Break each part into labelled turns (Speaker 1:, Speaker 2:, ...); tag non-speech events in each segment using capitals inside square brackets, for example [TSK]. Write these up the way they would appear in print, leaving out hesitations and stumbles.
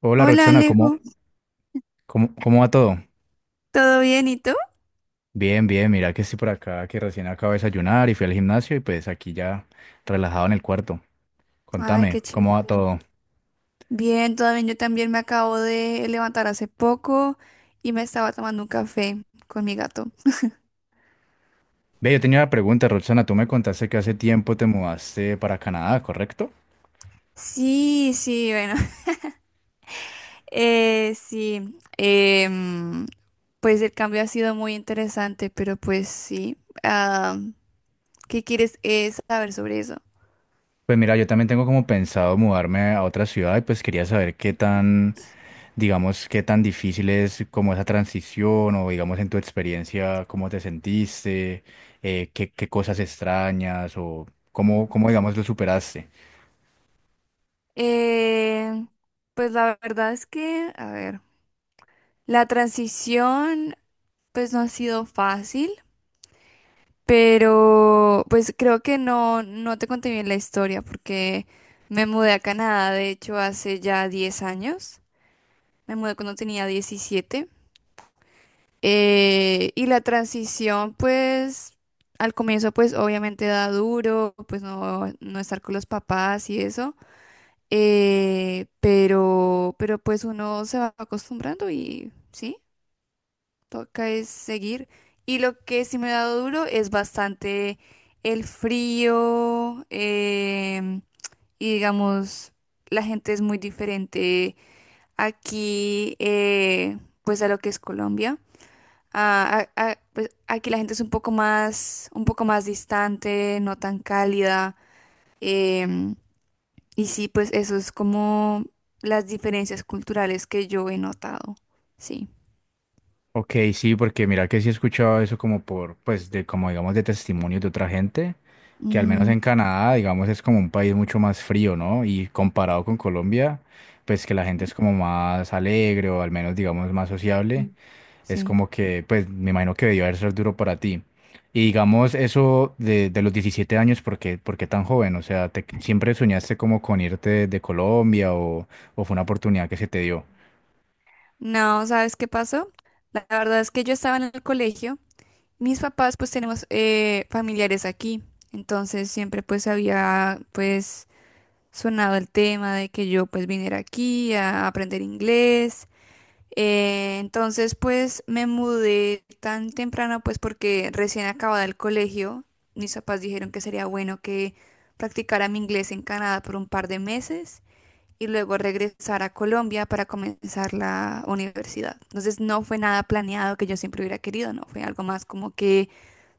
Speaker 1: Hola
Speaker 2: Hola
Speaker 1: Roxana, ¿cómo,
Speaker 2: Alejo,
Speaker 1: cómo va todo?
Speaker 2: ¿todo bien y tú?
Speaker 1: Bien, bien, mira que estoy por acá, que recién acabo de desayunar y fui al gimnasio y pues aquí ya relajado en el cuarto.
Speaker 2: Ay, qué
Speaker 1: Contame,
Speaker 2: chévere.
Speaker 1: ¿cómo va todo?
Speaker 2: Bien, todo bien. Yo también me acabo de levantar hace poco y me estaba tomando un café con mi gato.
Speaker 1: Ve, yo tenía una pregunta, Roxana, tú me contaste que hace tiempo te mudaste para Canadá, ¿correcto?
Speaker 2: Sí, sí, bueno, [LAUGHS] sí. Pues el cambio ha sido muy interesante, pero pues sí. ah, ¿Qué quieres saber sobre eso?
Speaker 1: Pues mira, yo también tengo como pensado mudarme a otra ciudad y pues quería saber qué tan, digamos, qué tan difícil es como esa transición o digamos en tu experiencia, cómo te sentiste, qué, qué cosas extrañas o cómo, cómo digamos lo superaste.
Speaker 2: Eh, pues la verdad es que, a ver, la transición pues no ha sido fácil. Pero pues creo que no te conté bien la historia porque me mudé a Canadá, de hecho, hace ya 10 años. Me mudé cuando tenía 17. Y la transición, pues, al comienzo, pues, obviamente da duro, pues, no estar con los papás y eso. Pero pues uno se va acostumbrando y, ¿sí? Toca es seguir. Y lo que sí me ha dado duro es bastante el frío, y digamos, la gente es muy diferente aquí, pues a lo que es Colombia. Pues aquí la gente es un poco más distante, no tan cálida. em, y sí, pues eso es como las diferencias culturales que yo he notado. Sí.
Speaker 1: Ok, sí, porque mira que sí he escuchado eso como por, pues de como digamos de testimonios de otra gente, que al menos
Speaker 2: Ujú.
Speaker 1: en Canadá, digamos, es como un país mucho más frío, ¿no? Y comparado con Colombia, pues que la gente es como más alegre o al menos digamos más sociable.
Speaker 2: Sí.
Speaker 1: Es
Speaker 2: Sí.
Speaker 1: como que, pues, me imagino que debió haber ser duro para ti. Y digamos eso de los 17 años, por qué tan joven? O sea, ¿siempre soñaste como con irte de Colombia o fue una oportunidad que se te dio?
Speaker 2: No, ¿sabes qué pasó? La verdad es que yo estaba en el colegio. Mis papás pues tenemos familiares aquí. Entonces siempre pues había pues sonado el tema de que yo pues viniera aquí a aprender inglés. Entonces pues me mudé tan temprano pues porque recién acababa el colegio. Mis papás dijeron que sería bueno que practicara mi inglés en Canadá por un par de meses y luego regresar a Colombia para comenzar la universidad. Entonces no fue nada planeado que yo siempre hubiera querido, no, fue algo más como que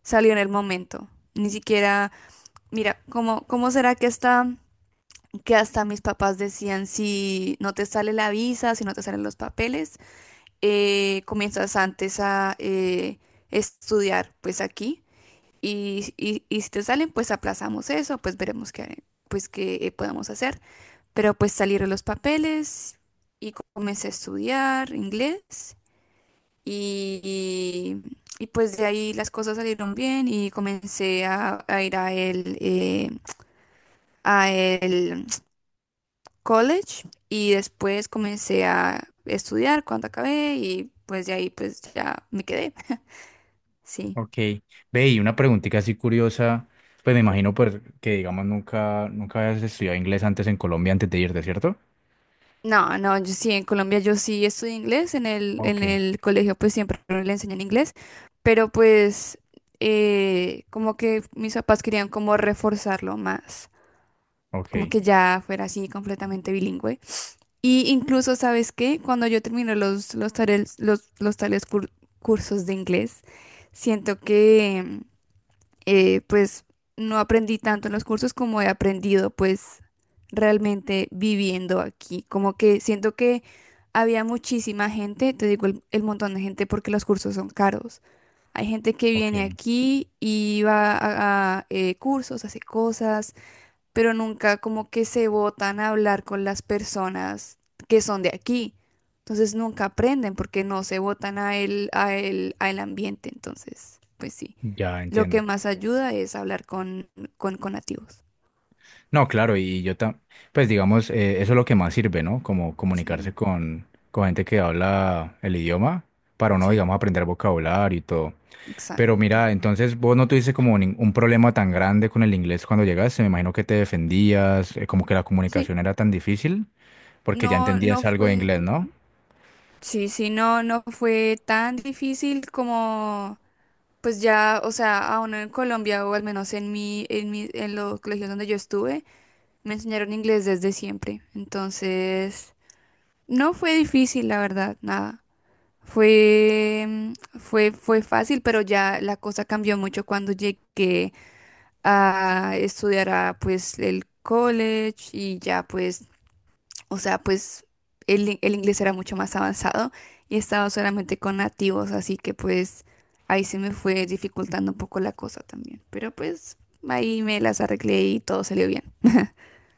Speaker 2: salió en el momento. Ni siquiera, mira, ¿cómo será que hasta mis papás decían, si no te sale la visa, si no te salen los papeles, comienzas antes a estudiar pues aquí y si te salen, pues aplazamos eso, pues veremos qué, pues qué podemos hacer. Pero pues salieron los papeles y comencé a estudiar inglés y, pues de ahí las cosas salieron bien y comencé a ir a a el college y después comencé a estudiar cuando acabé y pues de ahí pues ya me quedé. Sí.
Speaker 1: Ok. Ve, y una preguntita así curiosa, pues me imagino pues, que, digamos, nunca, nunca habías estudiado inglés antes en Colombia antes de irte, ¿cierto?
Speaker 2: No, no, yo sí, en Colombia yo sí estudié inglés,
Speaker 1: Ok,
Speaker 2: en el colegio pues siempre le enseñan inglés, pero pues como que mis papás querían como reforzarlo más,
Speaker 1: ok,
Speaker 2: como que ya fuera así completamente bilingüe. Y incluso, ¿sabes qué? Cuando yo termino cursos de inglés, siento que, pues no aprendí tanto en los cursos como he aprendido pues realmente viviendo aquí. Como que siento que había muchísima gente, te digo el montón de gente porque los cursos son caros. Hay gente que
Speaker 1: ok,
Speaker 2: viene aquí y va cursos, hace cosas, pero nunca como que se botan a hablar con las personas que son de aquí. Entonces nunca aprenden porque no se botan al ambiente. Entonces, pues sí.
Speaker 1: ya
Speaker 2: Lo que
Speaker 1: entiendo.
Speaker 2: más ayuda es hablar con nativos.
Speaker 1: No, claro, y yo tam pues digamos, eso es lo que más sirve, ¿no? Como comunicarse
Speaker 2: Sí.
Speaker 1: con gente que habla el idioma para uno,
Speaker 2: Sí,
Speaker 1: digamos, aprender vocabulario y todo. Pero
Speaker 2: exacto.
Speaker 1: mira, entonces vos no tuviste como un problema tan grande con el inglés cuando llegaste, me imagino que te defendías, como que la
Speaker 2: Sí,
Speaker 1: comunicación era tan difícil, porque ya
Speaker 2: no, no
Speaker 1: entendías algo de
Speaker 2: fue,
Speaker 1: inglés, ¿no?
Speaker 2: sí, sí, no fue tan difícil como, pues ya, o sea, a uno en Colombia o al menos en en los colegios donde yo estuve, me enseñaron inglés desde siempre. Entonces, no fue difícil, la verdad, nada. Fue, mm, Fue fácil, pero ya la cosa cambió mucho cuando llegué a estudiar a, pues el college y ya pues, o sea, pues el inglés era mucho más avanzado y estaba solamente con nativos, así que pues ahí se me fue dificultando un poco la cosa también, pero pues ahí me las arreglé y todo salió bien.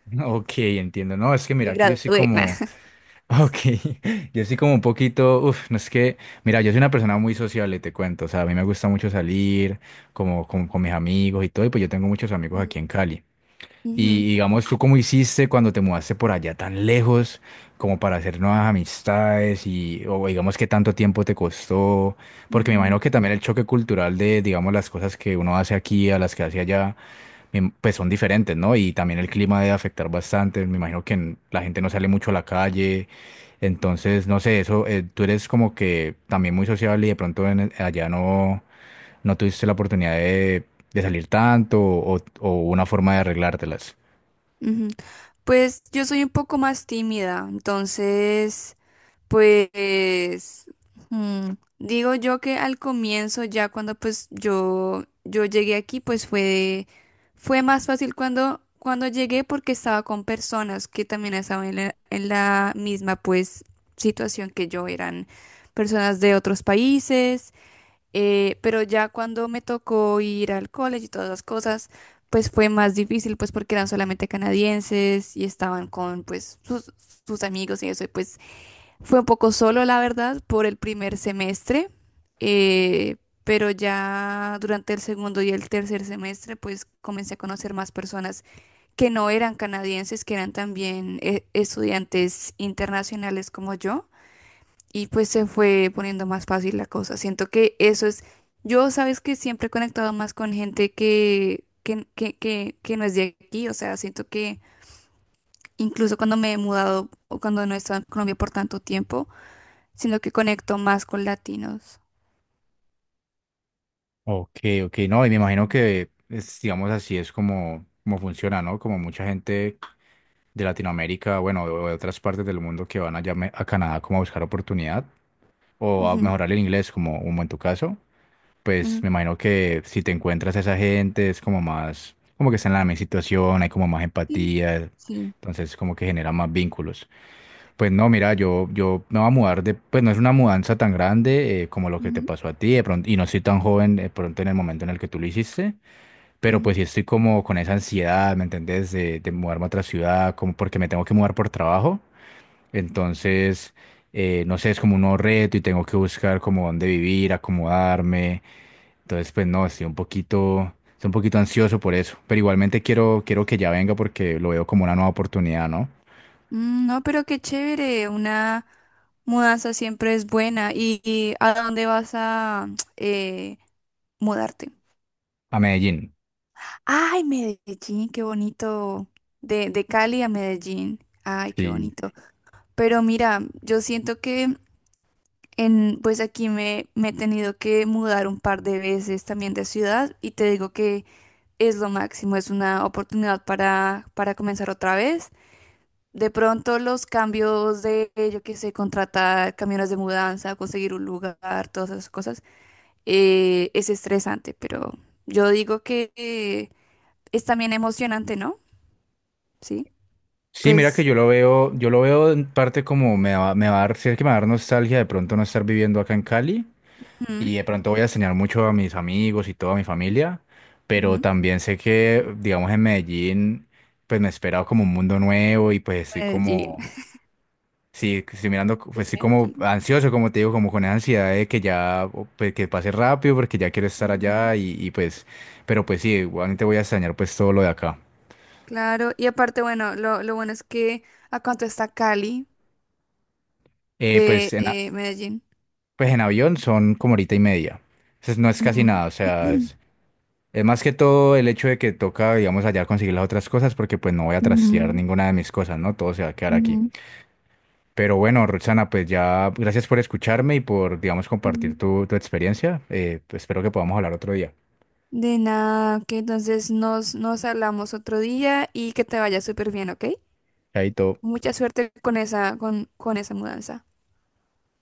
Speaker 1: [LAUGHS] Ok, entiendo. No, es que
Speaker 2: Me
Speaker 1: mira, que yo sí
Speaker 2: gradué.
Speaker 1: como...
Speaker 2: [LAUGHS]
Speaker 1: Ok, [LAUGHS] yo sí como un poquito, uff, no es que, mira, yo soy una persona muy sociable, te cuento, o sea, a mí me gusta mucho salir, como con mis amigos y todo, y pues yo tengo muchos amigos
Speaker 2: Nah.
Speaker 1: aquí en Cali.
Speaker 2: Ujú,
Speaker 1: Y digamos, ¿tú cómo hiciste cuando te mudaste por allá tan lejos, como para hacer nuevas amistades y, o digamos, qué tanto tiempo te costó? Porque me imagino que también el choque cultural de, digamos, las cosas que uno hace aquí a las que hace allá, pues son diferentes, ¿no? Y también el clima debe afectar bastante. Me imagino que la gente no sale mucho a la calle. Entonces, no sé, eso, tú eres como que también muy sociable y de pronto allá no, no tuviste la oportunidad de salir tanto o una forma de arreglártelas.
Speaker 2: ujú. Pues yo soy un poco más tímida, entonces pues mm, digo yo que al comienzo, ya cuando pues yo llegué aquí, fue más fácil cuando llegué porque estaba con personas que también estaban en la misma pues situación que yo, eran personas de otros países, pero ya cuando me tocó ir al college y todas las cosas, pues fue más difícil pues porque eran solamente canadienses y estaban con pues sus amigos y eso, y pues fue un poco solo, la verdad, por el primer semestre, eh, pero ya durante el segundo y el tercer semestre, pues comencé a conocer más personas que no eran canadienses, que eran también estudiantes internacionales como yo, y pues se fue poniendo más fácil la cosa. Siento que eso es, yo sabes que siempre he conectado más con gente que no es de aquí, o sea, siento que incluso cuando me he mudado o cuando no he estado en Colombia por tanto tiempo, sino que conecto más con latinos.
Speaker 1: Ok, ok, no, y me imagino
Speaker 2: Sí.
Speaker 1: que, es, digamos así, es como, como funciona, ¿no? Como mucha gente de Latinoamérica, bueno, o de otras partes del mundo que van allá a Canadá como a buscar oportunidad o a
Speaker 2: Ujú,
Speaker 1: mejorar el inglés, como, como en tu caso. Pues
Speaker 2: ujú.
Speaker 1: me imagino que si te encuentras a esa gente es como más, como que está en la misma situación, hay como más
Speaker 2: Sí,
Speaker 1: empatía,
Speaker 2: sí.
Speaker 1: entonces como que genera más vínculos. Pues no, mira, yo me voy a mudar de, pues no es una mudanza tan grande como lo que te
Speaker 2: Ujú.
Speaker 1: pasó a ti, de pronto, y no soy tan joven de pronto en el momento en el que tú lo hiciste, pero
Speaker 2: Ujú.
Speaker 1: pues sí estoy como con esa ansiedad, ¿me entendés? De mudarme a otra ciudad, como porque me tengo que mudar por trabajo, entonces... no sé, es como un nuevo reto y tengo que buscar como dónde vivir, acomodarme. Entonces, pues no, estoy un poquito ansioso por eso. Pero igualmente quiero, quiero que ya venga porque lo veo como una nueva oportunidad, ¿no?
Speaker 2: No, pero qué chévere, una mudanza siempre es buena. Y a dónde vas a [TSK] eh, mudarte?
Speaker 1: A Medellín.
Speaker 2: Ay, Medellín, qué bonito. De Cali a Medellín. Ay, qué
Speaker 1: Sí.
Speaker 2: bonito. Pero mira, yo siento que en, pues aquí me he tenido que mudar un par de veces también de ciudad y te digo que es lo máximo, es una oportunidad para comenzar otra vez. De pronto los cambios de, yo qué sé, contratar camiones de mudanza, conseguir un lugar, todas esas cosas, es estresante, pero yo digo que es también emocionante, ¿no? Sí,
Speaker 1: Sí, mira que
Speaker 2: pues
Speaker 1: yo lo veo en parte como me va a dar, sí que me va a dar nostalgia de pronto no estar viviendo acá en Cali
Speaker 2: ujú,
Speaker 1: y de pronto voy a extrañar mucho a mis amigos y toda mi familia, pero
Speaker 2: ujú,
Speaker 1: también sé que, digamos, en Medellín, pues me espera como un mundo nuevo y pues estoy
Speaker 2: Medellín,
Speaker 1: como Sí, que estoy mirando,
Speaker 2: [LAUGHS]
Speaker 1: pues
Speaker 2: es
Speaker 1: sí, como
Speaker 2: Medellín.
Speaker 1: ansioso, como te digo, como con esa ansiedad de que ya, o, pues, que pase rápido, porque ya quiero estar
Speaker 2: Ujú.
Speaker 1: allá y, pues, pero pues sí, igualmente voy a extrañar pues todo lo de acá.
Speaker 2: Claro, y aparte, bueno, lo bueno es que a cuánto está Cali de
Speaker 1: Pues, en, a-
Speaker 2: Medellín.
Speaker 1: pues en avión son como horita y media, entonces no es casi
Speaker 2: Ujú.
Speaker 1: nada, o sea,
Speaker 2: [CLEARS THROAT]
Speaker 1: es más que todo el hecho de que toca, digamos, allá conseguir las otras cosas, porque pues no voy a trastear
Speaker 2: Ujú,
Speaker 1: ninguna de mis cosas, ¿no? Todo se va a quedar aquí.
Speaker 2: ujú.
Speaker 1: Pero bueno, Roxana, pues ya, gracias por escucharme y por, digamos,
Speaker 2: Mm.
Speaker 1: compartir tu, tu experiencia, pues, espero que podamos hablar otro día.
Speaker 2: De nada, que entonces nos hablamos otro día y que te vaya súper bien, ¿ok?
Speaker 1: Chaito.
Speaker 2: Mucha suerte con esa mudanza.